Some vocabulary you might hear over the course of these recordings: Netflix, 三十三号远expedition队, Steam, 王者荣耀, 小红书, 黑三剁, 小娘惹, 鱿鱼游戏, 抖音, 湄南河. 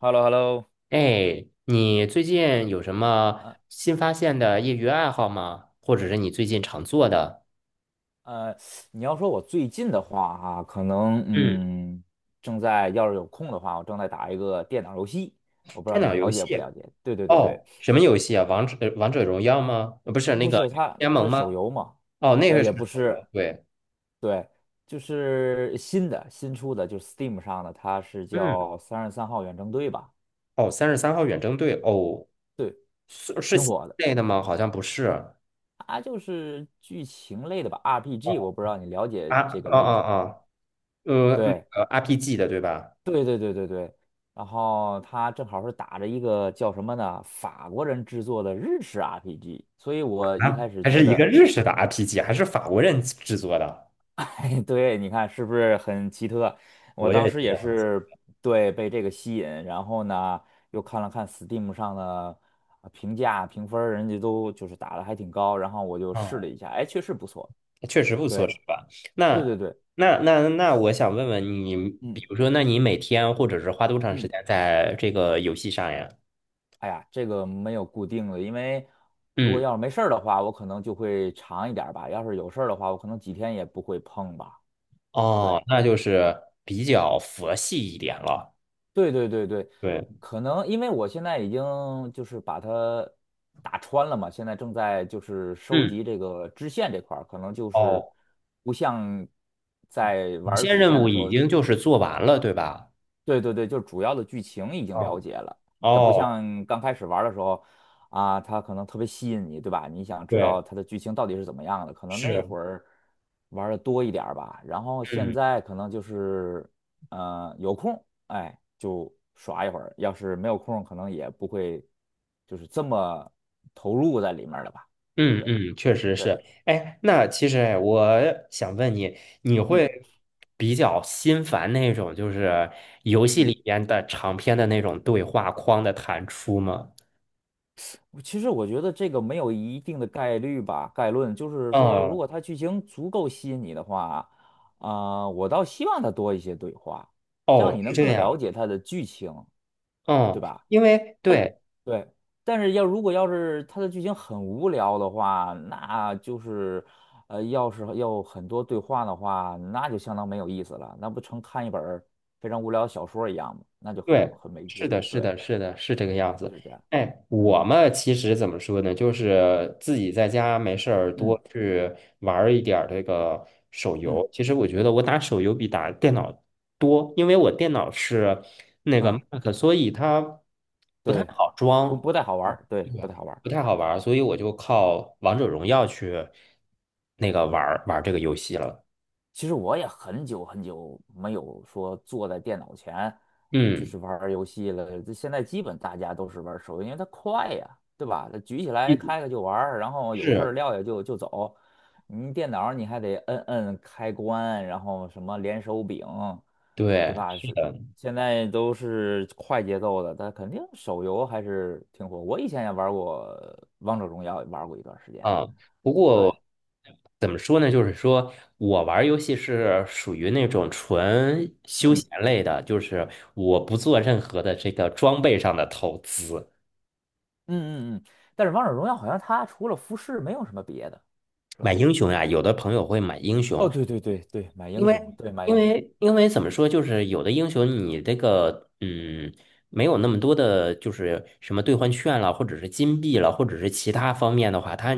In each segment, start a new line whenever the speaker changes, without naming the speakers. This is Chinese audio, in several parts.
h e l l o h e l l o
哎，你最近有什么新发现的业余爱好吗？或者是你最近常做的？
呃，你要说我最近的话哈、可能
嗯，
正在要是有空的话，我正在打一个电脑游戏，我不知道
电
你
脑游
了解不了
戏。
解？对对对对，
哦，什么游戏啊？王者荣耀吗？呃不是那
不
个
是它，
联
它
盟
是手
吗？
游嘛，
哦，那个是
也不
手
是，
游。对，
对，就是新出的，就是 Steam 上的，它是
嗯，
叫《三十三号远征队》吧？
哦，三十三号远征队。哦，
对，
是是
挺
新
火的，
类的吗？好像不是。
它就是剧情类的吧，RPG，我不知道你了解
啊，
这
哦
个
哦
类型吗？
哦，那
对。
个 RPG 的对吧？
对对对对对，然后他正好是打着一个叫什么呢，法国人制作的日式 RPG，所以我一
啊，
开始
还
觉
是一个
得，
日
对，
式的 RPG，还是法国人制作的？
哎，对，你看是不是很奇特？我
我
当
也
时
觉
也
得很。
是对被这个吸引，然后呢又看了看 Steam 上的评价评分儿人家都就是打的还挺高，然后我就试了一下，哎，确实不错。
确实不错，
对，
是吧？
对
那
对对，
那，我想问问你，
嗯。
比如说，那你每天或者是花多长时
嗯。
间在这个游戏上呀？
哎呀，这个没有固定的，因为如果
嗯，
要是没事儿的话，我可能就会长一点儿吧；要是有事儿的话，我可能几天也不会碰吧。对，
哦，那就是比较佛系一点了。
对对对对，
对，
可能因为我现在已经就是把它打穿了嘛，现在正在就是收
嗯，
集这个支线这块儿，可能就是
哦，
不像在
有
玩儿
些
主线
任务
的时
已
候
经就是做完了，对吧？
对对对，就是主要的剧情已经了
嗯，
解了，它不
哦，
像刚开始玩儿的时候啊，它可能特别吸引你，对吧？你想知道
对，
它的剧情到底是怎么样的，可能那
是，
会儿玩的多一点儿吧。然后现
嗯。
在可能就是有空，哎，就耍一会儿；要是没有空，可能也不会就是这么投入在里面儿了吧。
嗯
对
嗯，确实
对，
是。哎，那其实我想问你，你
嗯
会比较心烦那种就是游戏
嗯。
里边的长篇的那种对话框的弹出吗？
其实我觉得这个没有一定的概率吧，概论就是说，如
嗯，
果它剧情足够吸引你的话，啊、我倒希望它多一些对话，这样
哦，
你
是
能
这
更了
样。
解它的剧情，
嗯，
对吧？
因为
但是
对，
对，但是如果要是它的剧情很无聊的话，那就是要是要很多对话的话，那就相当没有意思了，那不成看一本儿非常无聊的小说一样吗？那就很
对，
很没
是
劲
的，
了。
是
对，
的，是的，是这个样
就
子。
是这样。
哎，
嗯
我嘛，其实怎么说呢，就是自己在家没事儿
嗯
多去玩儿一点儿这个手
嗯
游。其实我觉得我打手游比打电脑多，因为我电脑是那个
嗯。
Mac,所以它不太
对，
好
不
装，
不太好玩
嗯
儿，对，不
对，
太好玩儿。
不太好玩儿，所以我就靠王者荣耀去那个玩儿这个游戏了。
其实我也很久很久没有说坐在电脑前就
嗯
是玩儿游戏了。这现在基本大家都是玩儿手游，因为它快呀，对吧？它举起来
嗯，
开开就玩儿，然后有事儿
是，
撂下就走。你电脑儿你还得摁摁开关，然后什么连手柄，对
对。
吧？是现在都是快节奏的，它肯定手游还是挺火。我以前也玩过《王者荣耀》，也玩过一段时间。
啊，不
对。
过怎么说呢？就是说我玩儿游戏是属于那种纯休
嗯。
闲类的，就是我不做任何的这个装备上的投资。
嗯嗯嗯，但是王者荣耀好像它除了服饰没有什么别的，是
买
吧？
英雄呀，有的朋友会买英
哦，
雄，
对对对对，买
因
英
为
雄，对买
因
英雄，
为因为怎么说，就是有的英雄你这个嗯没有那么多的，就是什么兑换券了，或者是金币了，或者是其他方面的话，他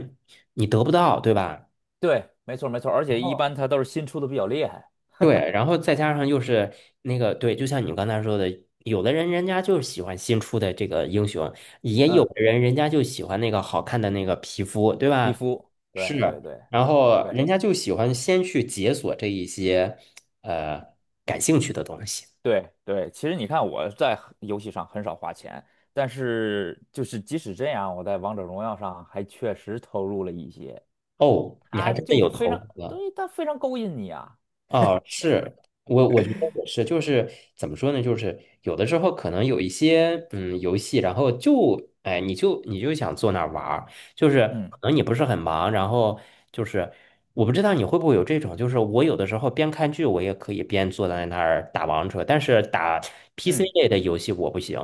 你得不到，对吧？
对，没错没错，而且一般它都是新出的比较厉害，
对，然后再加上又是那个，对，就像你刚才说的，有的人人家就是喜欢新出的这个英雄，也有
嗯，
的人人家就喜欢那个好看的那个皮肤，对
皮
吧？
肤，
是，
对对对
然后
对
人家就喜欢先去解锁这一些呃感兴趣的东西。
对对，其实你看我在游戏上很少花钱，但是就是即使这样，我在王者荣耀上还确实投入了一些，
哦，你还
它
真的
就
有
是非
投
常，
资。
对，它非常勾引你啊，
哦，是我，我觉得也是，就是怎么说呢，就是有的时候可能有一些嗯游戏，然后就哎，你就想坐那儿玩儿，就是
嗯
可能你不是很忙，然后就是我不知道你会不会有这种，就是我有的时候边看剧，我也可以边坐在那儿打王者，但是打 PC
嗯。
类的游戏我不行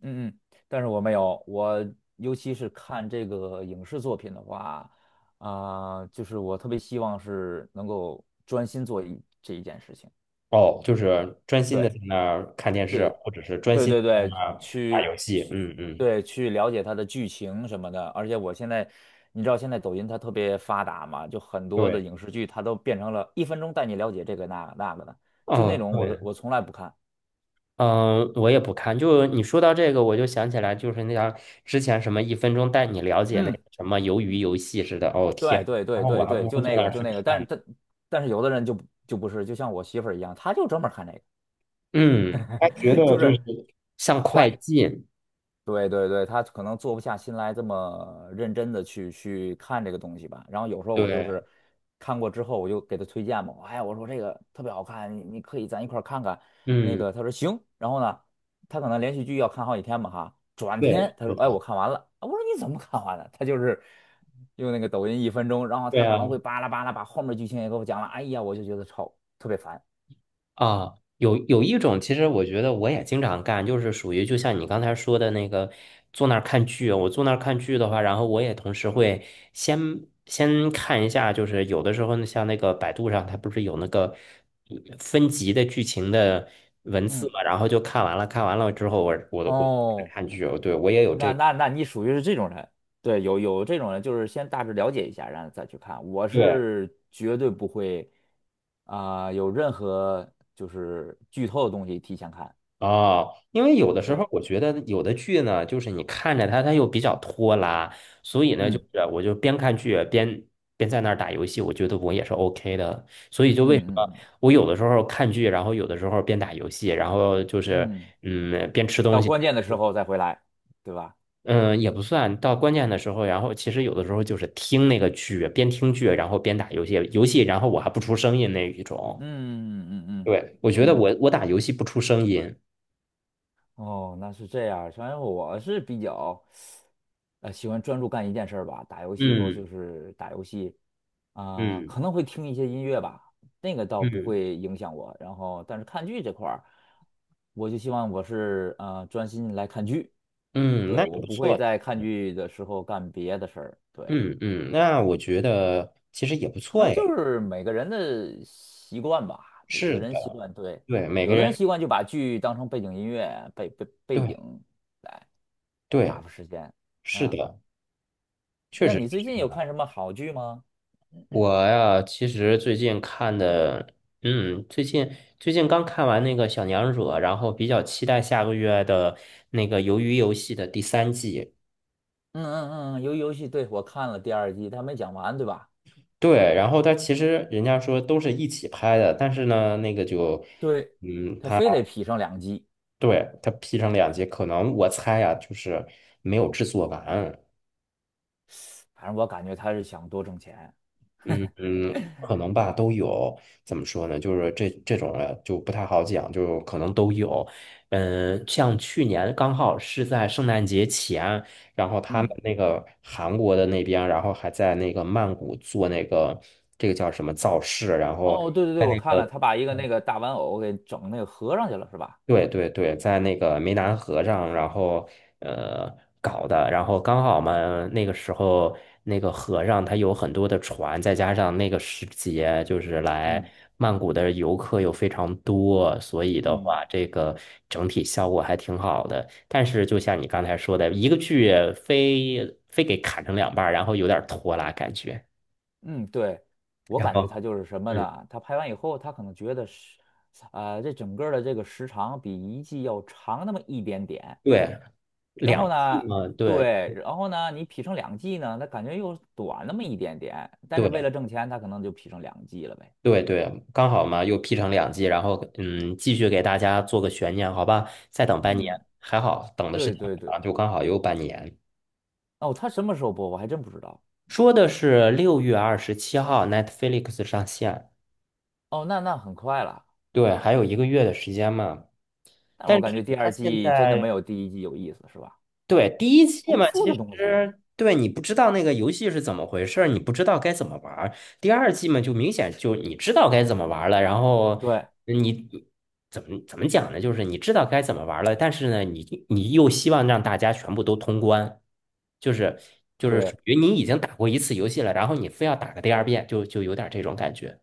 嗯嗯，但是我没有，我尤其是看这个影视作品的话，啊、就是我特别希望是能够专心做一这一件事情，
哦，就是专心的
对
在那儿看电视，
对
或者是专
对
心地
对
在
对，
那儿打
去
游戏，
去
嗯嗯，
对去了解它的剧情什么的，而且我现在你知道现在抖音它特别发达嘛，就很多的
对，
影视剧它都变成了一分钟带你了解这个那个那个的，就那
哦，
种我是
对。
我从来不看，
嗯，我也不看。就你说到这个，我就想起来，就是那样之前什么一分钟带你了解那
嗯。
个什么鱿鱼游戏似的。哦
对
天，
对
然
对
后我
对
还不
对，
如
就
坐
那
那
个
儿
就
去
那个，但
看
是
呢。
但但是有的人就不就不是，就像我媳妇儿一样，她就专门看那个，
嗯，他觉 得
就
就
是
是像快进，
对对对，他可能坐不下心来这么认真的去看这个东西吧。然后有时候我就
对，
是看过之后，我就给他推荐嘛，哎，我说这个特别好看，你你可以咱一块儿看看。那
嗯，
个他说行，然后呢，他可能连续剧要看好几天嘛哈，转
对，
天他
是
说哎我
他，
看完了，啊我说你怎么看完的？他就是用那个抖音一分钟，然后
对
他可
啊。
能会巴拉巴拉把后面剧情也给我讲了，哎呀，我就觉得超特别烦，
啊，有有一种，其实我觉得我也经常干，就是属于就像你刚才说的那个，坐那儿看剧。我坐那儿看剧的话，然后我也同时会先先看一下，就是有的时候呢，像那个百度上，它不是有那个嗯分级的剧情的文字
嗯，
嘛，然后就看完了，看完了之后我，我
哦。
看剧，对，我也有这，
那你属于是这种人，对，有这种人，就是先大致了解一下，然后再去看。我
对，
是绝对不会啊、有任何就是剧透的东西提前看，
哦，因为有的时
对，
候我觉得有的剧呢，就是你看着它，它又比较拖拉，所以呢，就
嗯
是我就边看剧边在那儿打游戏，我觉得我也是 OK 的。所以就为什
嗯
么
嗯
我有的时候看剧，然后有的时候边打游戏，然后就是
嗯嗯，
嗯边吃东
到
西，
关键的时候再回来，对吧？
嗯也不算到关键的时候，然后其实有的时候就是听那个剧，边听剧然后边打游戏，游戏然后我还不出声音那一种。
嗯嗯嗯
对，我觉
嗯
得
嗯。
我打游戏不出声音。
哦，那是这样。反正我是比较，喜欢专注干一件事儿吧。打游戏的时候
嗯
就是打游戏，啊、
嗯
可能会听一些音乐吧，那个倒不
嗯。
会影响我。然后，但是看剧这块儿，我就希望我是专心来看剧，
嗯，
对，
那也
我
不
不会
错。
在看剧的时候干别的事儿。对，
嗯嗯，那我觉得其实也不
可
错
能
哎。
就是每个人的习惯吧。有的
是
人习
的，
惯，对，
对，每个
有的人
人，
习惯就把剧当成背景音乐，背
对
景来。打
对，
发时间
是
啊。
的，确
那
实
你
是
最近
这
有
样。
看什么好剧吗？
我呀，其实最近看的，嗯，最近刚看完那个《小娘惹》，然后比较期待下个月的那个《鱿鱼游戏》的第三季。
嗯嗯嗯，鱿鱼游戏，对，我看了第二季，他没讲完，对吧？
对，然后它其实人家说都是一起拍的，但是呢，那个就，
对，
嗯，
他
它
非得劈上两季，
对它劈成两集，可能我猜呀，就是没有制作完。
反正我感觉他是想多挣钱。
嗯嗯，可能吧，都有。怎么说呢？就是这种啊，就不太好讲，就可能都有。嗯，像去年刚好是在圣诞节前，然后他们
嗯，
那个韩国的那边，然后还在那个曼谷做那个这个叫什么造势，然后
哦，对对对，
在
我
那
看了，
个
他把一个那个大玩偶给整那个合上去了，是吧？
对对对，在那个湄南河上，然后呃搞的，然后刚好嘛，那个时候那个河上它有很多的船，再加上那个时节，就是来
嗯
曼谷的游客又非常多，所以的
嗯
话，这个整体效果还挺好的。但是就像你刚才说的，一个剧非给砍成两半儿，然后有点拖拉感觉。
嗯，对，我
然
感觉他
后，
就是什么
嗯，
呢？他拍完以后，他可能觉得是，这整个儿的这个时长比一季要长那么一点点，
对，
然后
两季
呢，
嘛，对
对，然后呢，你劈成两季呢，它感觉又短那么一点点，但是为
对。
了挣钱，它可能就劈成两季了呗。
对对，刚好嘛，又劈成两季，然后嗯，继续给大家做个悬念，好吧？再等半年，
嗯，
还好等的是
对
挺
对对。
长，就刚好有半年。
哦，他什么时候播？我还真不知道。
说的是6月27号 Netflix 上线，
哦，那很快了，
对，还有一个月的时间嘛。
但是
但
我感觉
是
第
它
二
现
季真的没
在
有第一季有意思，是吧？
对，第一季
重
嘛，其
复的
实
东西，
对你不知道那个游戏是怎么回事儿，你不知道该怎么玩儿。第二季嘛，就明显就你知道该怎么玩儿了，然后
对
你怎么讲呢？就是你知道该怎么玩儿了，但是呢，你你又希望让大家全部都通关，就是就是属
对，
于你已经打过一次游戏了，然后你非要打个第二遍，就有点这种感觉。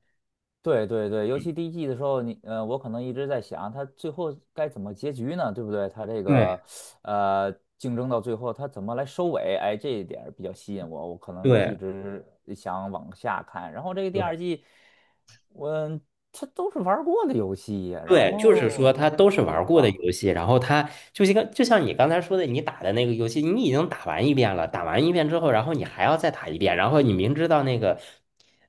对对对，尤
嗯，
其第一季的时候，我可能一直在想，他最后该怎么结局呢？对不对？他这个
对
呃，竞争到最后，他怎么来收尾？哎，这一点儿比较吸引我，我可能一
对
直想往下看。然后这个第
对。
二季，我他都是玩儿过的游戏呀，然
对，就是说
后
它都是玩
对
过的
吧？
游戏，然后它就一个，就像你刚才说的，你打的那个游戏，你已经打完一遍了，打完一遍之后，然后你还要再打一遍，然后你明知道那个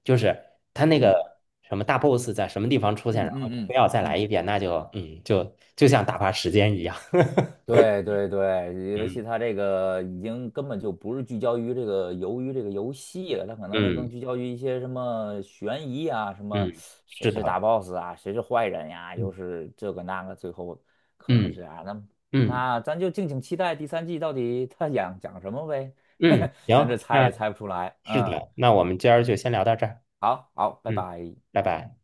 就是他那
嗯
个什么大 boss 在什么地方出现，
嗯
然后你
嗯
非
嗯
要再来
嗯。
一遍，那就嗯，就像打发时间一样。
对对对，尤其
嗯
他这个已经根本就不是聚焦于这个由于这个游戏了，他可能是更
嗯
聚焦于一些什么悬疑啊，什么
嗯，是
谁是大
的，
boss 啊，谁是坏人呀、又
嗯
是这个那个，最后可能是
嗯
这样。那
嗯
那咱就敬请期待第三季到底他讲讲什么呗，
嗯，
咱这
行，
猜
那
也猜不出来。
是
嗯，
的，那我们今儿就先聊到这儿，
好好，拜
嗯，
拜。
拜拜。